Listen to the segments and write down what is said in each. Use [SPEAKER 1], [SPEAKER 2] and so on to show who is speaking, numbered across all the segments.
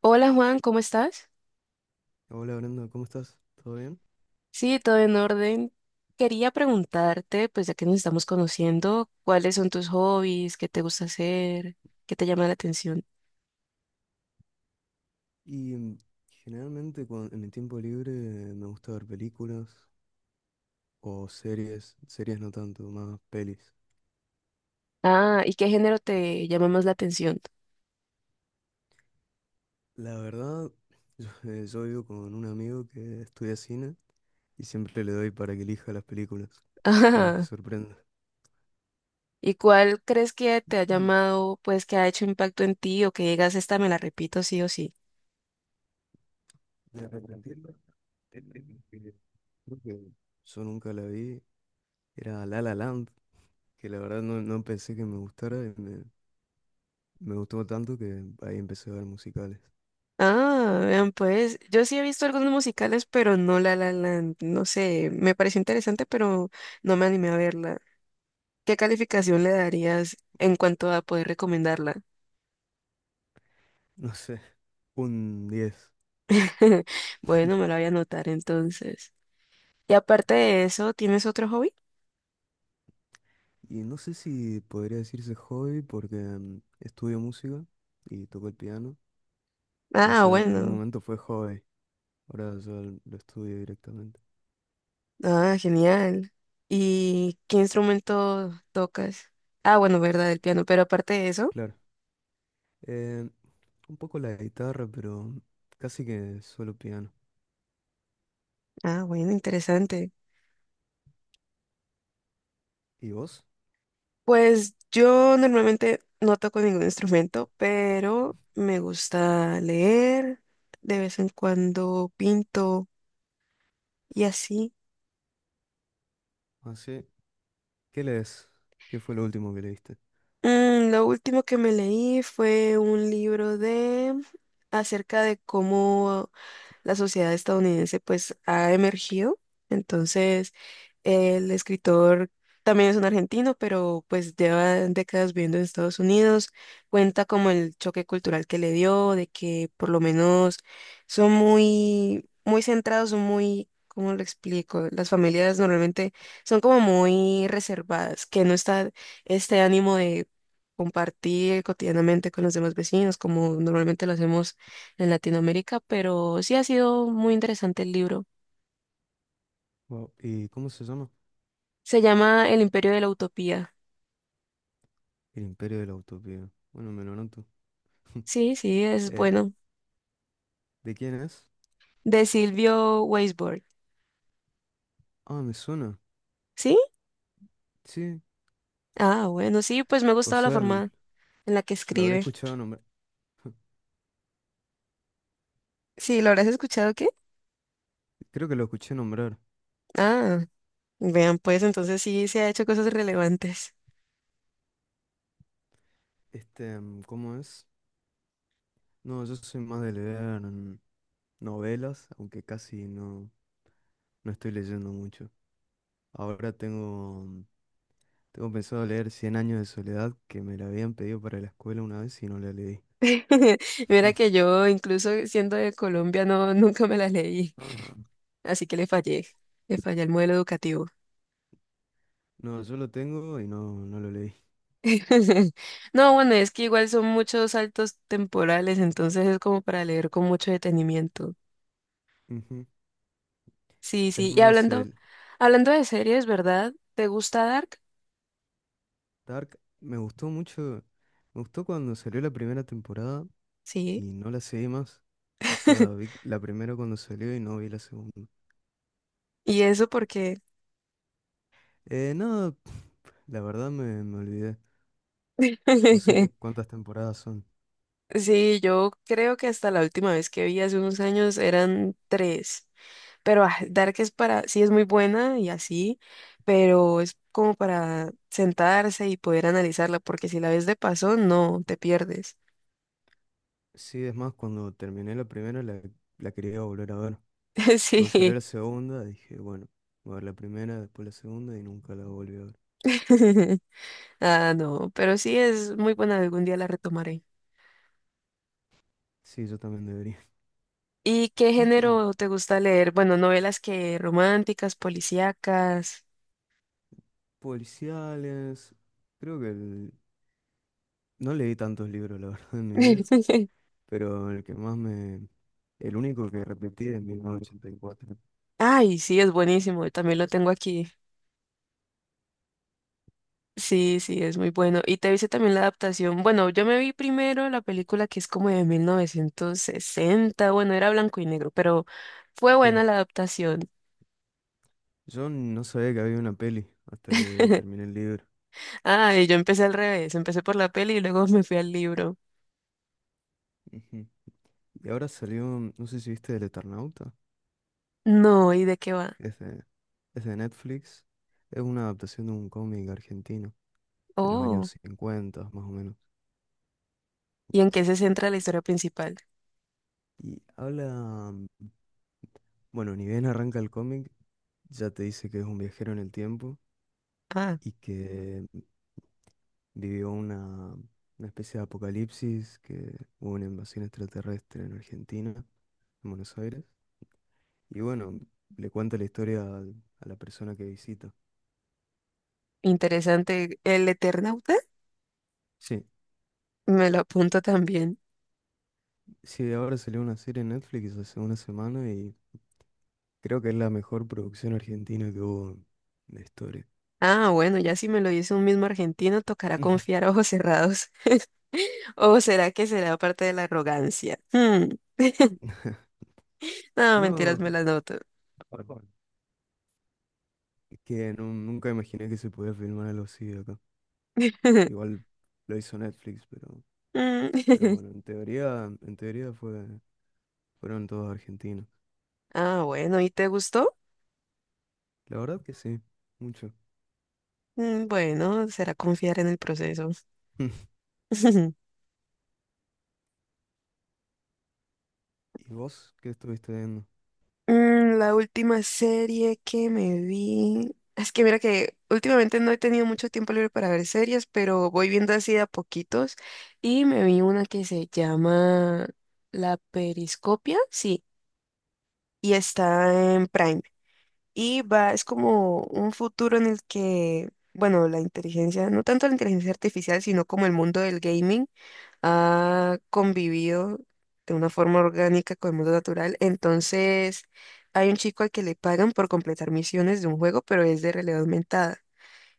[SPEAKER 1] Hola Juan, ¿cómo estás?
[SPEAKER 2] Hola Brenda, ¿cómo estás? ¿Todo bien?
[SPEAKER 1] Sí, todo en orden. Quería preguntarte, pues ya que nos estamos conociendo, ¿cuáles son tus hobbies? ¿Qué te gusta hacer? ¿Qué te llama la atención?
[SPEAKER 2] Y mm, generalmente en mi tiempo libre me gusta ver películas o series, series no tanto, más pelis.
[SPEAKER 1] Ah, ¿y qué género te llama más la atención?
[SPEAKER 2] La verdad, yo, yo vivo con un amigo que estudia cine y siempre le doy para que elija las películas, que él me
[SPEAKER 1] Ah,
[SPEAKER 2] sorprende.
[SPEAKER 1] ¿y cuál crees que te ha llamado, pues que ha hecho impacto en ti o que digas, esta me la repito sí o sí?
[SPEAKER 2] De arrepentirme, eh, creo que yo nunca la vi, era La La Land, que la verdad no pensé que me gustara me gustó tanto que ahí empecé a ver musicales.
[SPEAKER 1] Ah, vean pues, yo sí he visto algunos musicales, pero no La La Land. No sé, me pareció interesante, pero no me animé a verla. ¿Qué calificación le darías en cuanto a poder recomendarla?
[SPEAKER 2] No sé, un diez.
[SPEAKER 1] Bueno, me la voy a anotar entonces. Y aparte de eso, ¿tienes otro hobby?
[SPEAKER 2] Y no sé si podría decirse hobby porque estudio música y toco el piano. O
[SPEAKER 1] Ah,
[SPEAKER 2] sea, en algún
[SPEAKER 1] bueno.
[SPEAKER 2] momento fue hobby. Ahora yo lo estudio directamente.
[SPEAKER 1] Ah, genial. ¿Y qué instrumento tocas? Ah, bueno, verdad, el piano. Pero aparte de eso,
[SPEAKER 2] Claro. eh, un poco la guitarra, pero casi que solo piano.
[SPEAKER 1] ah, bueno, interesante.
[SPEAKER 2] ¿Y vos?
[SPEAKER 1] Pues yo normalmente no toco ningún instrumento, pero me gusta leer, de vez en cuando pinto y así.
[SPEAKER 2] Así. ¿Qué lees? ¿Qué fue lo último que leíste?
[SPEAKER 1] Mm, lo último que me leí fue un libro de acerca de cómo la sociedad estadounidense pues ha emergido. Entonces, el escritor también es un argentino, pero pues lleva décadas viviendo en Estados Unidos. Cuenta como el choque cultural que le dio, de que por lo menos son muy, muy centrados, son muy, ¿cómo lo explico? Las familias normalmente son como muy reservadas, que no está este ánimo de compartir cotidianamente con los demás vecinos, como normalmente lo hacemos en Latinoamérica, pero sí ha sido muy interesante el libro.
[SPEAKER 2] Wow. ¿Y cómo se llama?
[SPEAKER 1] Se llama El Imperio de la Utopía.
[SPEAKER 2] El Imperio de la Utopía. Bueno, me lo anoto.
[SPEAKER 1] Sí, sí, es
[SPEAKER 2] Eh,
[SPEAKER 1] bueno.
[SPEAKER 2] ¿de quién es?
[SPEAKER 1] De Silvio Weisberg.
[SPEAKER 2] Ah, me suena.
[SPEAKER 1] ¿Sí?
[SPEAKER 2] Sí.
[SPEAKER 1] Ah, bueno, sí, pues me ha
[SPEAKER 2] O
[SPEAKER 1] gustado la
[SPEAKER 2] sea,
[SPEAKER 1] forma en la que
[SPEAKER 2] lo habré
[SPEAKER 1] escribe.
[SPEAKER 2] escuchado nombrar.
[SPEAKER 1] Sí, ¿lo habrás escuchado qué?
[SPEAKER 2] Creo que lo escuché nombrar.
[SPEAKER 1] Ah, vean, pues entonces sí se ha hecho cosas relevantes.
[SPEAKER 2] ¿Cómo es? No, yo soy más de leer novelas, aunque casi no estoy leyendo mucho. Ahora tengo, mm, Tengo pensado leer Cien años de soledad, que me la habían pedido para la escuela una vez y no la leí.
[SPEAKER 1] Mira que yo, incluso siendo de Colombia, no, nunca me la leí,
[SPEAKER 2] Ah.
[SPEAKER 1] así que le fallé el modelo educativo.
[SPEAKER 2] No, yo lo tengo y no lo leí.
[SPEAKER 1] No, bueno, es que igual son muchos saltos temporales, entonces es como para leer con mucho detenimiento.
[SPEAKER 2] Ujú.
[SPEAKER 1] Sí,
[SPEAKER 2] Es
[SPEAKER 1] sí. Y
[SPEAKER 2] más,
[SPEAKER 1] hablando,
[SPEAKER 2] el
[SPEAKER 1] hablando de series, ¿verdad? ¿Te gusta Dark?
[SPEAKER 2] Dark me gustó mucho. Me gustó cuando salió la primera temporada
[SPEAKER 1] Sí.
[SPEAKER 2] y no la seguí más. O sea, vi la primera cuando salió y no vi la segunda.
[SPEAKER 1] Y eso porque
[SPEAKER 2] No, la verdad me olvidé. No sé ni cuántas temporadas son.
[SPEAKER 1] sí, yo creo que hasta la última vez que vi hace unos años eran tres. Pero ah, Dark es para, sí es muy buena y así, pero es como para sentarse y poder analizarla, porque si la ves de paso, no, te pierdes.
[SPEAKER 2] Sí, es más, cuando terminé la primera, la quería volver a ver. Luego salió
[SPEAKER 1] Sí.
[SPEAKER 2] la segunda, dije, bueno, voy a ver la primera, después la segunda y nunca la volví a ver.
[SPEAKER 1] Ah, no, pero sí es muy buena, algún día la retomaré.
[SPEAKER 2] Sí, yo también debería.
[SPEAKER 1] ¿Y qué género te gusta leer? Bueno, novelas que románticas, policíacas.
[SPEAKER 2] Policiales. Creo que no leí tantos libros, la verdad, en mi vida, pero el que más me... El único que repetí es 1984.
[SPEAKER 1] Ay, sí, es buenísimo, también lo tengo aquí. Sí, sí, es muy bueno. Y te hice también la adaptación. Bueno, yo me vi primero la película que es como de 1960. Bueno, era blanco y negro, pero fue
[SPEAKER 2] Sí,
[SPEAKER 1] buena la adaptación.
[SPEAKER 2] yo no sabía que había una peli hasta que terminé el libro.
[SPEAKER 1] Ah, y yo empecé al revés, empecé por la peli y luego me fui al libro.
[SPEAKER 2] Ujú. Y ahora salió, no sé si viste El Eternauta,
[SPEAKER 1] No, ¿y de qué va?
[SPEAKER 2] es de, es de Netflix, es una adaptación de un cómic argentino de los
[SPEAKER 1] Oh.
[SPEAKER 2] años 50 más o menos.
[SPEAKER 1] ¿Y en qué se centra la historia principal?
[SPEAKER 2] Y habla, mm, bueno, ni bien arranca el cómic, ya te dice que es un viajero en el tiempo
[SPEAKER 1] Ah,
[SPEAKER 2] y que vivió una especie de apocalipsis, que hubo una invasión extraterrestre en Argentina, en Buenos Aires. Y bueno, le cuenta la historia a la persona que visita.
[SPEAKER 1] interesante. ¿El Eternauta?
[SPEAKER 2] Sí.
[SPEAKER 1] Me lo apunto también.
[SPEAKER 2] Sí, ahora salió una serie en Netflix hace una semana y creo que es la mejor producción argentina que hubo de historia.
[SPEAKER 1] Ah, bueno, ya si me lo dice un mismo argentino, tocará confiar a ojos cerrados. ¿O será que será parte de la arrogancia? Hmm. No, mentiras, me
[SPEAKER 2] No,
[SPEAKER 1] las noto.
[SPEAKER 2] es que nunca imaginé que se podía filmar algo así acá. Igual lo hizo Netflix, pero
[SPEAKER 1] Mm.
[SPEAKER 2] bueno, en teoría fueron todos argentinos.
[SPEAKER 1] Ah, bueno, ¿y te gustó?
[SPEAKER 2] La verdad que sí, mucho.
[SPEAKER 1] Mm, bueno, será confiar en el proceso.
[SPEAKER 2] ¿Y vos qué estuviste viendo?
[SPEAKER 1] Mm, la última serie que me vi. Es que mira que últimamente no he tenido mucho tiempo libre para ver series, pero voy viendo así de a poquitos. Y me vi una que se llama La Periscopia, sí, y está en Prime. Y va, es
[SPEAKER 2] Uh,
[SPEAKER 1] como un futuro en el que, bueno, la inteligencia, no tanto la inteligencia artificial, sino como el mundo del gaming ha convivido de una forma orgánica con el mundo natural. Entonces, hay un chico al que le pagan por completar misiones de un juego, pero es de realidad aumentada.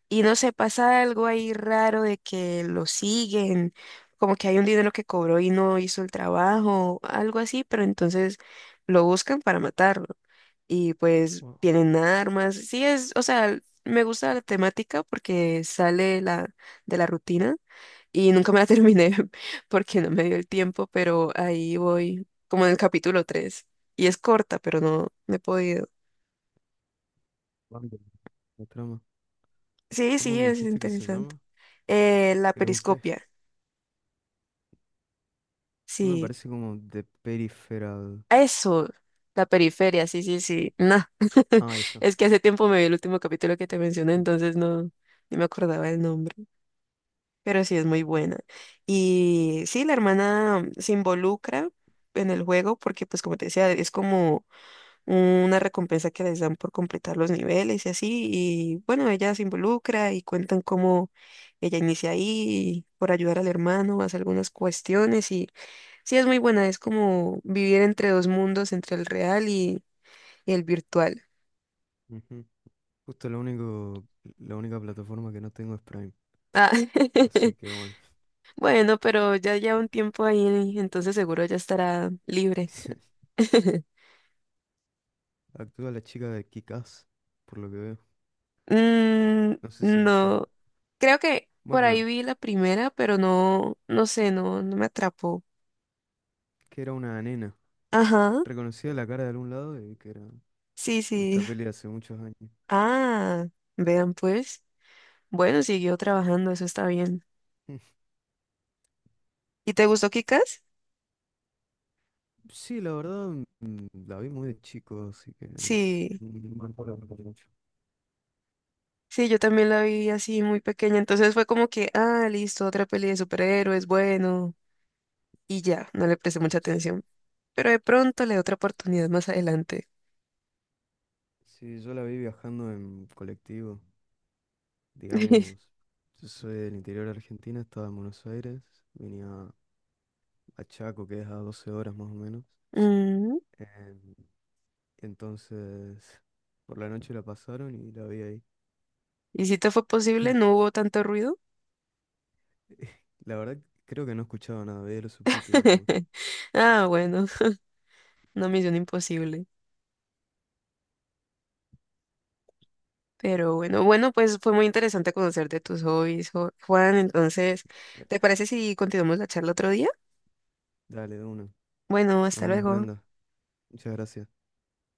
[SPEAKER 1] Y no sé, pasa algo ahí raro de que lo siguen, como que hay un dinero que cobró y no hizo el trabajo, algo así, pero entonces lo buscan para matarlo. Y pues
[SPEAKER 2] wow,
[SPEAKER 1] vienen armas. Sí, es, o sea, me gusta la temática porque sale la, de la rutina y nunca me la terminé porque no me dio el tiempo, pero ahí voy, como en el capítulo tres. Y es corta, pero no, no he podido.
[SPEAKER 2] Bambi, la trama.
[SPEAKER 1] Sí,
[SPEAKER 2] ¿Cómo
[SPEAKER 1] sí,
[SPEAKER 2] me
[SPEAKER 1] es
[SPEAKER 2] dijiste que se
[SPEAKER 1] interesante.
[SPEAKER 2] llama?
[SPEAKER 1] La
[SPEAKER 2] Que lo busqué.
[SPEAKER 1] periscopia,
[SPEAKER 2] No me
[SPEAKER 1] sí.
[SPEAKER 2] parece como The Peripheral.
[SPEAKER 1] Eso, la periferia, sí, sí, sí. Nah.
[SPEAKER 2] Ah, ahí está.
[SPEAKER 1] Es que hace tiempo me vi el último capítulo que te mencioné, entonces no, ni me acordaba el nombre. Pero sí es muy buena. Y sí, la hermana se involucra en el juego porque, pues como te decía, es como una recompensa que les dan por completar los niveles y así. Y bueno, ella se involucra y cuentan cómo ella inicia ahí por ayudar al hermano, hace algunas cuestiones y sí es muy buena, es como vivir entre dos mundos, entre el real y el virtual.
[SPEAKER 2] Ujú. Justo lo único, la única plataforma que no tengo es Prime.
[SPEAKER 1] Ah,
[SPEAKER 2] Así que bueno.
[SPEAKER 1] bueno, pero ya lleva un tiempo ahí, entonces seguro ya estará libre.
[SPEAKER 2] Actúa la chica de Kick-Ass, por lo que veo.
[SPEAKER 1] Mm,
[SPEAKER 2] No sé si viste.
[SPEAKER 1] no, creo que por ahí
[SPEAKER 2] Bueno,
[SPEAKER 1] vi la primera, pero no, no sé, no, no me atrapó.
[SPEAKER 2] que era una nena.
[SPEAKER 1] Ajá.
[SPEAKER 2] Reconocía la cara de algún lado y que era
[SPEAKER 1] Sí,
[SPEAKER 2] de
[SPEAKER 1] sí.
[SPEAKER 2] esta peli de hace muchos años.
[SPEAKER 1] Ah, vean pues. Bueno, siguió trabajando, eso está bien. ¿Y te gustó Kikas?
[SPEAKER 2] Sí, la verdad, la vi muy de chico, así que no
[SPEAKER 1] Sí,
[SPEAKER 2] me acuerdo mucho.
[SPEAKER 1] sí, yo también la vi así muy pequeña, entonces fue como que, ah, listo, otra peli de superhéroes, bueno, y ya, no le presté mucha
[SPEAKER 2] S-
[SPEAKER 1] atención. Pero de pronto le doy otra oportunidad más adelante.
[SPEAKER 2] Sí, yo la vi viajando en colectivo. Digamos, yo soy del interior de Argentina, estaba en Buenos Aires, venía a Chaco, que es a 12 horas más o menos.
[SPEAKER 1] Mm,
[SPEAKER 2] Em, entonces, por la noche la pasaron y la vi ahí.
[SPEAKER 1] ¿y si te fue posible? ¿No hubo tanto ruido?
[SPEAKER 2] La verdad, creo que no escuchaba nada, veía los subtítulos nomás.
[SPEAKER 1] Ah, bueno, no, misión imposible. Pero bueno, bueno, pues fue muy interesante conocer de tus hobbies, Juan. Entonces,
[SPEAKER 2] Eh,
[SPEAKER 1] ¿te parece si continuamos la charla otro día?
[SPEAKER 2] Dale, de una.
[SPEAKER 1] Bueno,
[SPEAKER 2] Nos
[SPEAKER 1] hasta
[SPEAKER 2] vemos,
[SPEAKER 1] luego.
[SPEAKER 2] Brenda. Muchas gracias.